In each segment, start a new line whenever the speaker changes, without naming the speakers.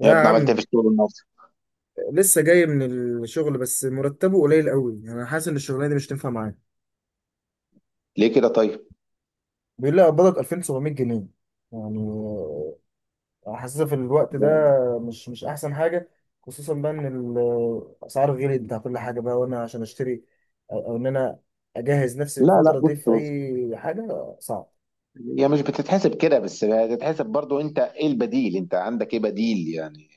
يا
يا ابني، عملت ايه
عم،
في الشغل النهارده؟
لسه جاي من الشغل، بس مرتبه قليل قوي. يعني انا حاسس ان الشغلانه دي مش تنفع معايا.
ليه كده طيب؟
بيقول لي اقبضك 2700 جنيه. يعني حاسسها في الوقت ده مش احسن حاجه، خصوصا بقى ان الاسعار غليت بتاع كل حاجه بقى، وانا عشان اشتري او ان انا اجهز نفسي
لا لا،
الفتره
بص
دي في
بص،
اي حاجه صعب.
هي مش بتتحسب كده، بس بتتحسب برضو. انت ايه البديل؟ انت عندك ايه بديل يعني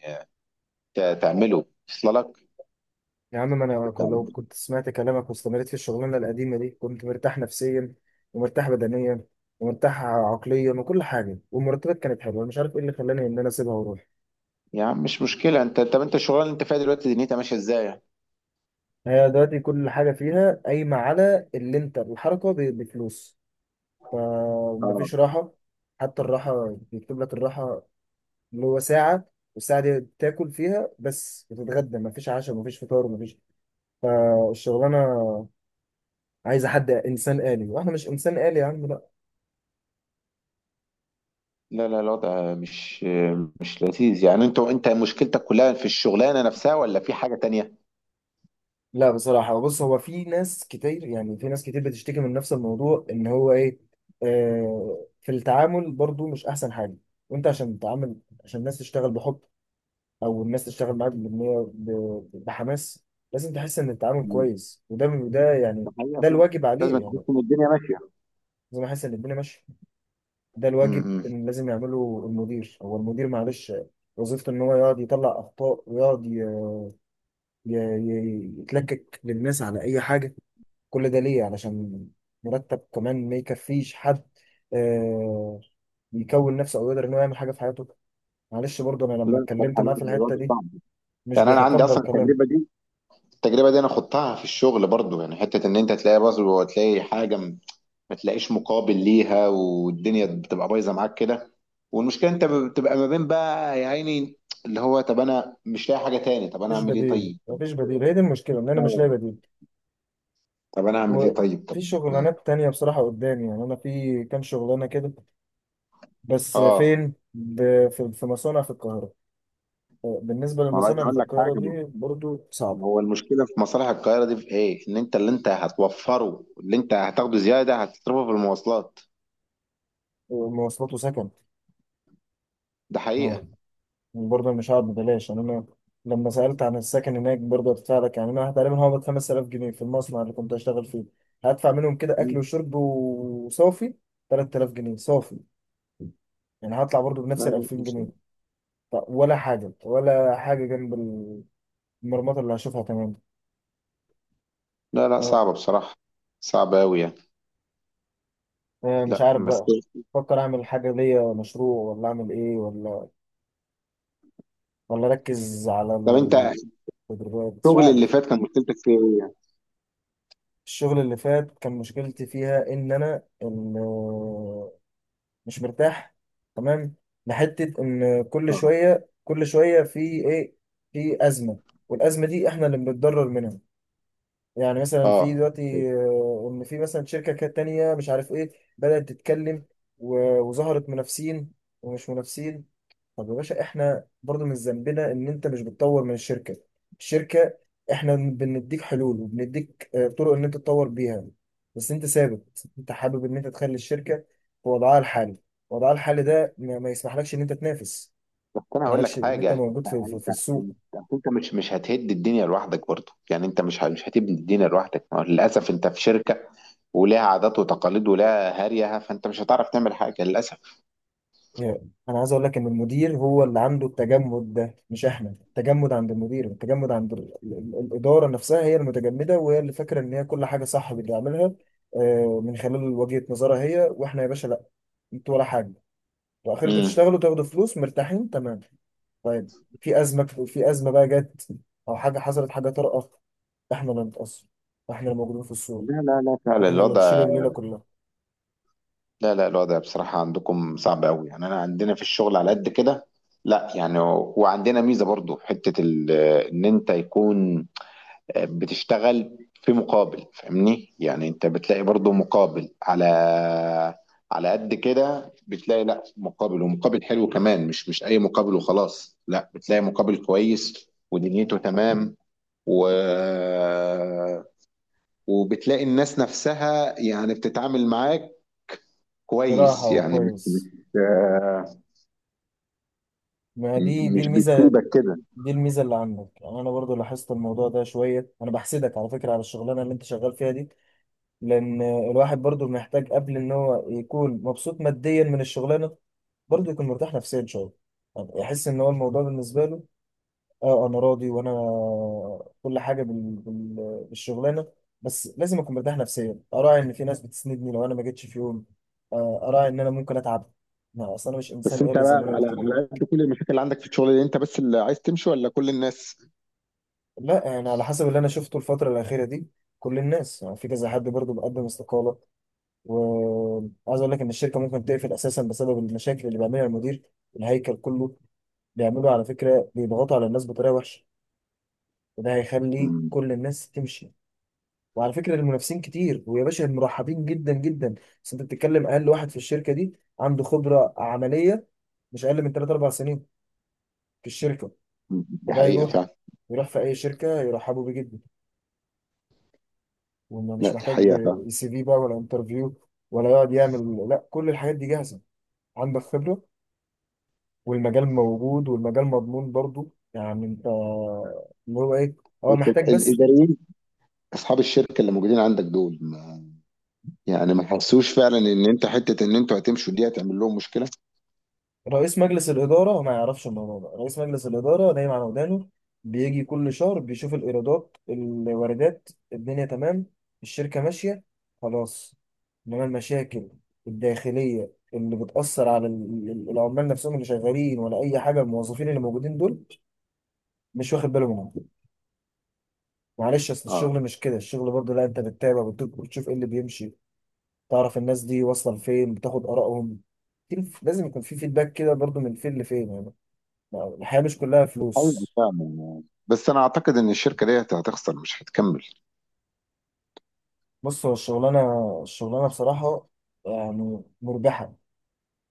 تعمله اصل لك؟
يا عم، ما انا كنت- لو كنت سمعت كلامك واستمريت في الشغلانه القديمه دي كنت مرتاح نفسيا، ومرتاح بدنيا، ومرتاح عقليا وكل حاجه، والمرتبات كانت حلوه. أنا مش عارف ايه اللي خلاني ان انا اسيبها واروح.
يعني مش مشكله. انت، طب انت الشغلانه اللي انت فيها دلوقتي دنيتها ماشيه ازاي؟
هي دلوقتي كل حاجه فيها قايمه على اللي انت الحركه بفلوس، فمفيش
اه.
راحه. حتى الراحه بيكتب لك الراحه اللي هو ساعه، والساعه دي تاكل فيها بس وتتغدى، مفيش عشاء مفيش فطار مفيش. فالشغلانه عايزه حد انسان آلي، واحنا مش انسان آلي يا عم.
لا لا، الوضع مش لذيذ يعني. انت مشكلتك كلها في الشغلانه نفسها ولا في حاجه تانية؟
لا بصراحة، بص، هو في ناس كتير، يعني في ناس كتير بتشتكي من نفس الموضوع، ان هو ايه، آه، في التعامل برضو مش احسن حاجة. وانت عشان تتعامل، عشان الناس تشتغل بحب، او الناس تشتغل معاك بإن هي بحماس، لازم تحس ان التعامل
مم.
كويس، وده يعني
ده حقيقة
ده
فعلا.
الواجب
لازم
عليه يعني.
تحس ان الدنيا ماشيه.
لازم احس ان الدنيا ماشية. ده الواجب
امم
ان لازم يعمله المدير. هو المدير معلش وظيفته ان هو يقعد يطلع اخطاء، ويقعد يتلكك للناس على اي حاجة. كل ده ليه؟ علشان مرتب كمان ما يكفيش حد آه، يكون نفسه او يقدر انه يعمل حاجه في حياته. معلش، برضه انا لما
لا
اتكلمت
بصراحه،
معاه في
لا،
الحته
الوضع
دي
صعب.
مش
يعني انا عندي
بيتقبل
اصلا
كلام.
التجربه دي. التجربه دي انا خضتها في الشغل برضو، يعني حته ان انت تلاقي بذل وتلاقي ما تلاقيش مقابل ليها، والدنيا بتبقى بايظه معاك كده. والمشكله انت بتبقى ما بين بقى يا عيني، اللي هو طب انا مش لاقي حاجه تاني، طب انا
مفيش
اعمل ايه،
بديل،
طيب طب.
مفيش بديل، هي دي المشكله، ان انا مش لاقي
آه،
بديل.
طب انا اعمل ايه، طيب طب.
وفي شغلانات تانية بصراحه قدامي، يعني انا في كام شغلانه كده، بس
اه،
فين؟ في مصانع في القاهره. بالنسبه
ما عايز
للمصانع اللي
اقول
في
لك
القاهره
حاجه.
دي برضه
ما هو
صعبه،
المشكله في مصالح القاهره دي في ايه؟ ان انت اللي انت هتوفره، اللي انت هتاخده زياده، هتصرفه في المواصلات.
مواصلات وسكن.
ده حقيقه.
برضه مش هقعد ببلاش يعني، انا لما سألت عن السكن هناك، برضه هدفع لك. يعني انا تقريبا هقبض 5000 جنيه في المصنع اللي كنت هشتغل فيه، هدفع منهم كده اكل
مم.
وشرب، وصافي 3000 جنيه صافي. يعني هطلع برضه
لا
بنفس ال
لا،
2000 جنيه طب ولا حاجة، ولا حاجة جنب المرمطة اللي هشوفها، تمام.
لا لا،
اه،
صعبه بصراحه. صعبه قوي يعني.
آه، مش
لا
عارف
بس،
بقى. بفكر اعمل حاجة ليا، مشروع، ولا اعمل ايه، ولا ولا اركز على
طب انت
التدريبات، مش
الشغل اللي
عارف.
فات كان مشكلتك فيه ايه يعني؟
الشغل اللي فات كان مشكلتي فيها ان انا مش مرتاح، تمام، لحته ان كل
اه،
شويه كل شويه في ايه، في ازمه، والازمه دي احنا اللي بنتضرر منها. يعني مثلا، في
اه.
دلوقتي، آه، ان في مثلا شركه كانت تانيه مش عارف ايه، بدات تتكلم وظهرت منافسين، ومش منافسين. طب يا باشا، احنا برضو من ذنبنا ان انت مش بتطور من الشركه. الشركه، احنا بنديك حلول وبنديك آه، طرق ان انت تطور بيها، بس انت ثابت، انت حابب ان انت تخلي الشركه في وضعها الحالي. وضعها الحالي ده ما يسمحلكش ان انت تنافس،
بس انا
ما
هقول
يسمحلكش
لك
ان
حاجه.
انت موجود
انت
في السوق.
انت أصل انت مش هتهد الدنيا لوحدك برضه يعني. انت مش هتبني الدنيا لوحدك. ما هو للاسف انت في شركه، ولها عادات وتقاليد ولها هريها، فانت مش هتعرف تعمل حاجه للاسف.
يعني انا عايز اقول لك ان المدير هو اللي عنده التجمد ده، مش احنا. التجمد عند المدير، التجمد عند الاداره نفسها، هي المتجمده، وهي اللي فاكره ان هي كل حاجه صح بتعملها، آه، من خلال وجهه نظرها هي. واحنا يا باشا لا، انتوا ولا حاجه، واخركم
امم
تشتغلوا تاخدوا فلوس مرتاحين، تمام. طيب، في ازمه، في ازمه بقى جت، او حاجه حصلت، حاجه طارئه، احنا اللي نتاثر، واحنا اللي موجودين في الصوره،
لا لا لا، فعلا
واحنا اللي نشيل
الوضع،
الليله كلها.
لا لا، الوضع بصراحه عندكم صعب قوي يعني. انا عندنا في الشغل على قد كده. لا يعني، وعندنا ميزه برضه في حته. ان انت يكون بتشتغل في مقابل، فاهمني يعني؟ انت بتلاقي برضو مقابل. على قد كده بتلاقي، لا، مقابل، ومقابل حلو كمان، مش اي مقابل وخلاص. لا، بتلاقي مقابل كويس ودنيته تمام. و وبتلاقي الناس نفسها يعني بتتعامل معاك
براحه
كويس يعني مش مش
وكويس.
آه،
ما دي
مش
الميزه،
بتسيبك كده.
دي الميزه اللي عندك. يعني انا برضو لاحظت الموضوع ده شويه، انا بحسدك على فكره على الشغلانه اللي انت شغال فيها دي. لان الواحد برضو محتاج قبل ان هو يكون مبسوط ماديا من الشغلانه، برضو يكون مرتاح نفسيا شويه. يعني يحس ان هو الموضوع بالنسبه له، اه انا راضي، وانا كل حاجه بالشغلانه، بس لازم اكون مرتاح نفسيا، اراعي ان في ناس بتسندني لو انا ما جيتش في يوم، آه، اراعي ان انا ممكن اتعب، ما اصل انا مش انسان
بس انت
آلي زي ما
بقى
انا
على
قلت لك.
قد كل المشاكل اللي عندك في الشغل دي، انت بس اللي عايز تمشي ولا كل الناس؟
لا انا على حسب اللي انا شفته الفتره الاخيره دي، كل الناس، يعني في كذا حد برضه بيقدم استقاله. وعايز اقول لك ان الشركه ممكن تقفل اساسا بسبب المشاكل اللي بيعملها المدير، الهيكل كله. بيعملوا على فكره، بيضغطوا على الناس بطريقه وحشه، وده هيخلي كل الناس تمشي. وعلى فكره، المنافسين كتير، ويا باشا المرحبين جدا جدا. بس انت بتتكلم، اقل واحد في الشركه دي عنده خبره عمليه مش اقل من 3 4 سنين في الشركه.
دي
وده
حقيقة
يروح،
فعلًا.
يروح في اي شركه يرحبوا بيه جدا، وانه مش
لأ، دي
محتاج
حقيقة فعلًا،
سي في بقى ولا انترفيو، ولا يقعد يعمل، لا، كل الحاجات دي جاهزه، عندك خبره، والمجال موجود، والمجال مضمون برضو. يعني انت اللي هو ايه، هو محتاج
بس
بس.
الإداريين أصحاب الشركة اللي موجودين عندك دول، ما يعني، ما حسّوش فعلًا إن أنت حتّة إن أنتم هتمشوا دي هتعمل لهم مشكلة؟
رئيس مجلس الاداره ما يعرفش الموضوع ده، رئيس مجلس الاداره نايم على ودانه، بيجي كل شهر بيشوف الايرادات الواردات، الدنيا تمام، الشركه ماشيه، خلاص. انما المشاكل الداخليه اللي بتأثر على العمال نفسهم اللي شغالين، ولا أي حاجة، الموظفين اللي موجودين دول، مش واخد باله منهم. معلش، اصل
آه،
الشغل مش كده. الشغل برضه لا، انت بتتابع، بتشوف ايه اللي بيمشي، تعرف الناس دي واصله لفين، بتاخد ارائهم، لازم يكون في فيدباك كده برضه، من فين لفين يعني. الحياه مش كلها
حقيقي
فلوس.
فعلًا، بس أنا أعتقد إن الشركة ديّة هتخسر، مش هتكمّل.
بص، هو الشغلانه بصراحه يعني مربحه،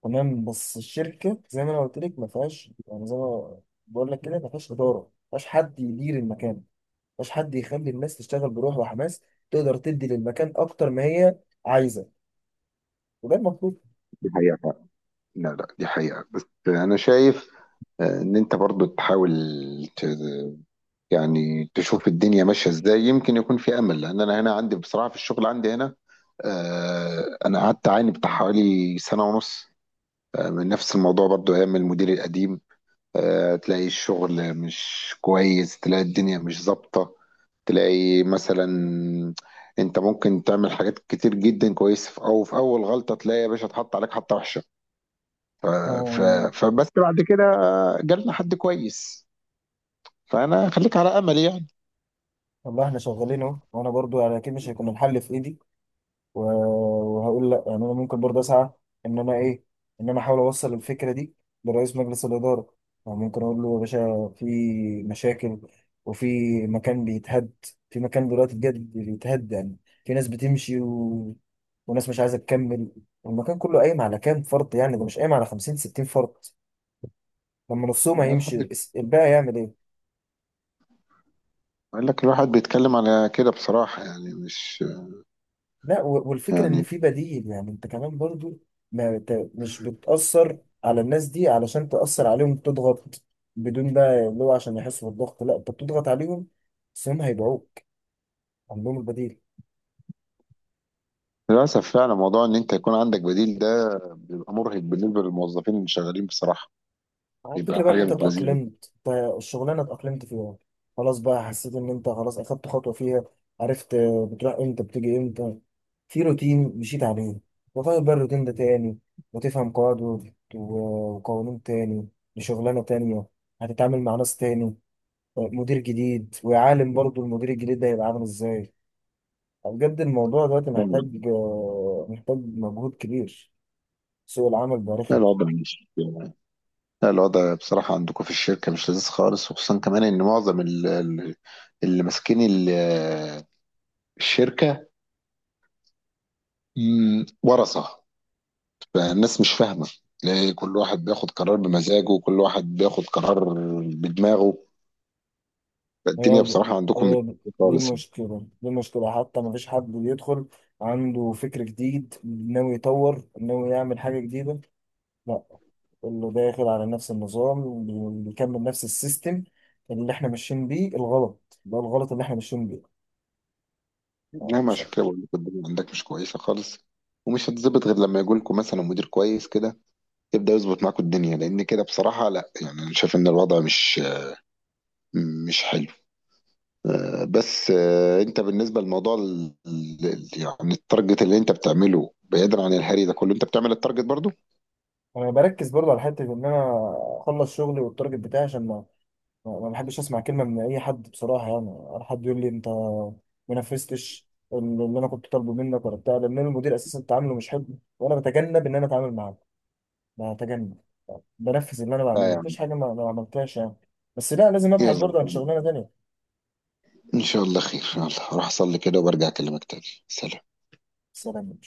تمام. بس الشركه زي ما انا قلت لك، ما فيهاش، يعني زي ما بقول لك كده، ما فيهاش اداره، ما فيهاش حد يدير المكان، ما فيهاش حد يخلي الناس تشتغل بروح وحماس، تقدر تدي للمكان اكتر ما هي عايزه، وده المطلوب.
دي حقيقة فعلًا. لا، لأ دي حقيقة، بس أنا شايف إن أنت برضه تحاول، ت يعني تشوف الدنيا ماشية إزاي، يمكن يكون في أمل، لإن أنا هنا عندي بصراحة في الشغل عندي هنا. أنا قعدت أعاني بتاع حوالي سَنة ونُص من نفس الموضوع، برضو ايام المدير القديم. آه، تلاقي الشغل مش كويس، تلاقي الدنيا مش ظابطة. تلاقي مثلا انت ممكن تعمل حاجات كتير جدا كويس، في اول غلطة تلاقي يا باشا اتحط عليك حطة وحشة. ف... ف...
آه،
فبس بعد كده آه، جالنا حد كويس. فانا خليك على امل يعني.
والله احنا شغالين اهو، وانا برضو يعني اكيد مش هيكون الحل في ايدي، و- وهقول لا، يعني انا ممكن برضو اسعى ان انا ايه، ان انا احاول اوصل الفكره دي لرئيس مجلس الاداره. يعني ممكن اقول له، يا باشا، في مشاكل، وفي مكان بيتهد، في مكان دلوقتي بجد بيتهد، يعني في ناس بتمشي، وناس مش عايزه تكمل، والمكان كله قايم على كام فرد، يعني ده مش قايم على 50 60 فرد. لما نصهم
يعني
هيمشي الباقي يعمل ايه؟
بقول لك، الواحد بيتكلم على كده بصراحة، يعني مش،
لا، والفكرة ان
يعني
في بديل، يعني انت كمان برضو ما ت- مش بتأثر على الناس دي. علشان تأثر عليهم تضغط، بدون بقى اللي هو عشان يحسوا بالضغط، لا انت بتضغط عليهم، بس هم هيبيعوك، عندهم البديل.
للأسف فعلا. موضوع إن أنت يكون عندك بديل ده بيبقى مرهق بالنسبة للموظفين اللي شغالين بصراحة.
هو الفكرة
بيبقى
بقى ان
حاجة
انت
مش لذيذة.
اتأقلمت، انت الشغلانة اتأقلمت فيها، خلاص بقى، حسيت ان انت خلاص اخدت خطوة فيها، عرفت بتروح امتى بتيجي امتى، في روتين مشيت عليه. وغير بقى الروتين ده تاني، وتفهم قواعد وقوانين تاني لشغلانة تانية، هتتعامل مع ناس تاني، مدير جديد، وعالم برضو المدير الجديد ده هيبقى عامل ازاي. بجد الموضوع دلوقتي محتاج، محتاج مجهود كبير. سوق العمل بقى
لا
رخم.
الوضع مش، لا الوضع بصراحة عندكم في الشركة مش لذيذ خالص. وخصوصا كمان إن معظم اللي ماسكين الشركة ورثة. فالناس مش فاهمة، تلاقي كل واحد بياخد قرار بمزاجه، وكل واحد بياخد قرار بدماغه.
هي
فالدنيا
ال-
بصراحة عندكم مش
هي ال-
لذيذة
دي
خالص يعني.
المشكلة، دي المشكلة. حتى ما فيش حد بيدخل عنده فكر جديد ناوي يطور، ناوي يعمل حاجة جديدة، لا، اللي داخل على نفس النظام بيكمل نفس السيستم اللي احنا ماشيين بيه الغلط، ده الغلط اللي احنا ماشيين بيه. آه،
نعم،
مش
عشان
عارف.
كده بقول لكم الدنيا عندك مش كويسة خالص، ومش هتظبط غير لما يجي لكم مثلا مدير كويس كده، يبدأ يظبط معاكم الدنيا. لأن كده بصراحة، لا يعني أنا شايف إن الوضع مش حلو. آه، بس آه، انت بالنسبه لموضوع يعني التارجت اللي انت بتعمله، بعيدا عن الهري ده كله، انت بتعمل التارجت برضو؟
انا بركز برضه على حتة ان انا اخلص شغلي والتارجت بتاعي، عشان ما بحبش اسمع كلمه من اي حد بصراحه، يعني ولا حد يقول لي انت ما نفذتش اللي انا كنت طالبه منك ولا بتاع. لان أنا المدير اساسا تعامله مش حلو، وانا بتجنب ان انا اتعامل معاه، بتجنب، بنفذ اللي انا
لا
بعمله، مفيش
يعني.
حاجه ما عملتهاش يعني. بس لا، لازم ابحث
يلا،
برضه عن شغلانه تانيه.
ان شاء الله خير. يلا هروح اصلي كده وبرجع اكلمك تاني. سلام.
سلام.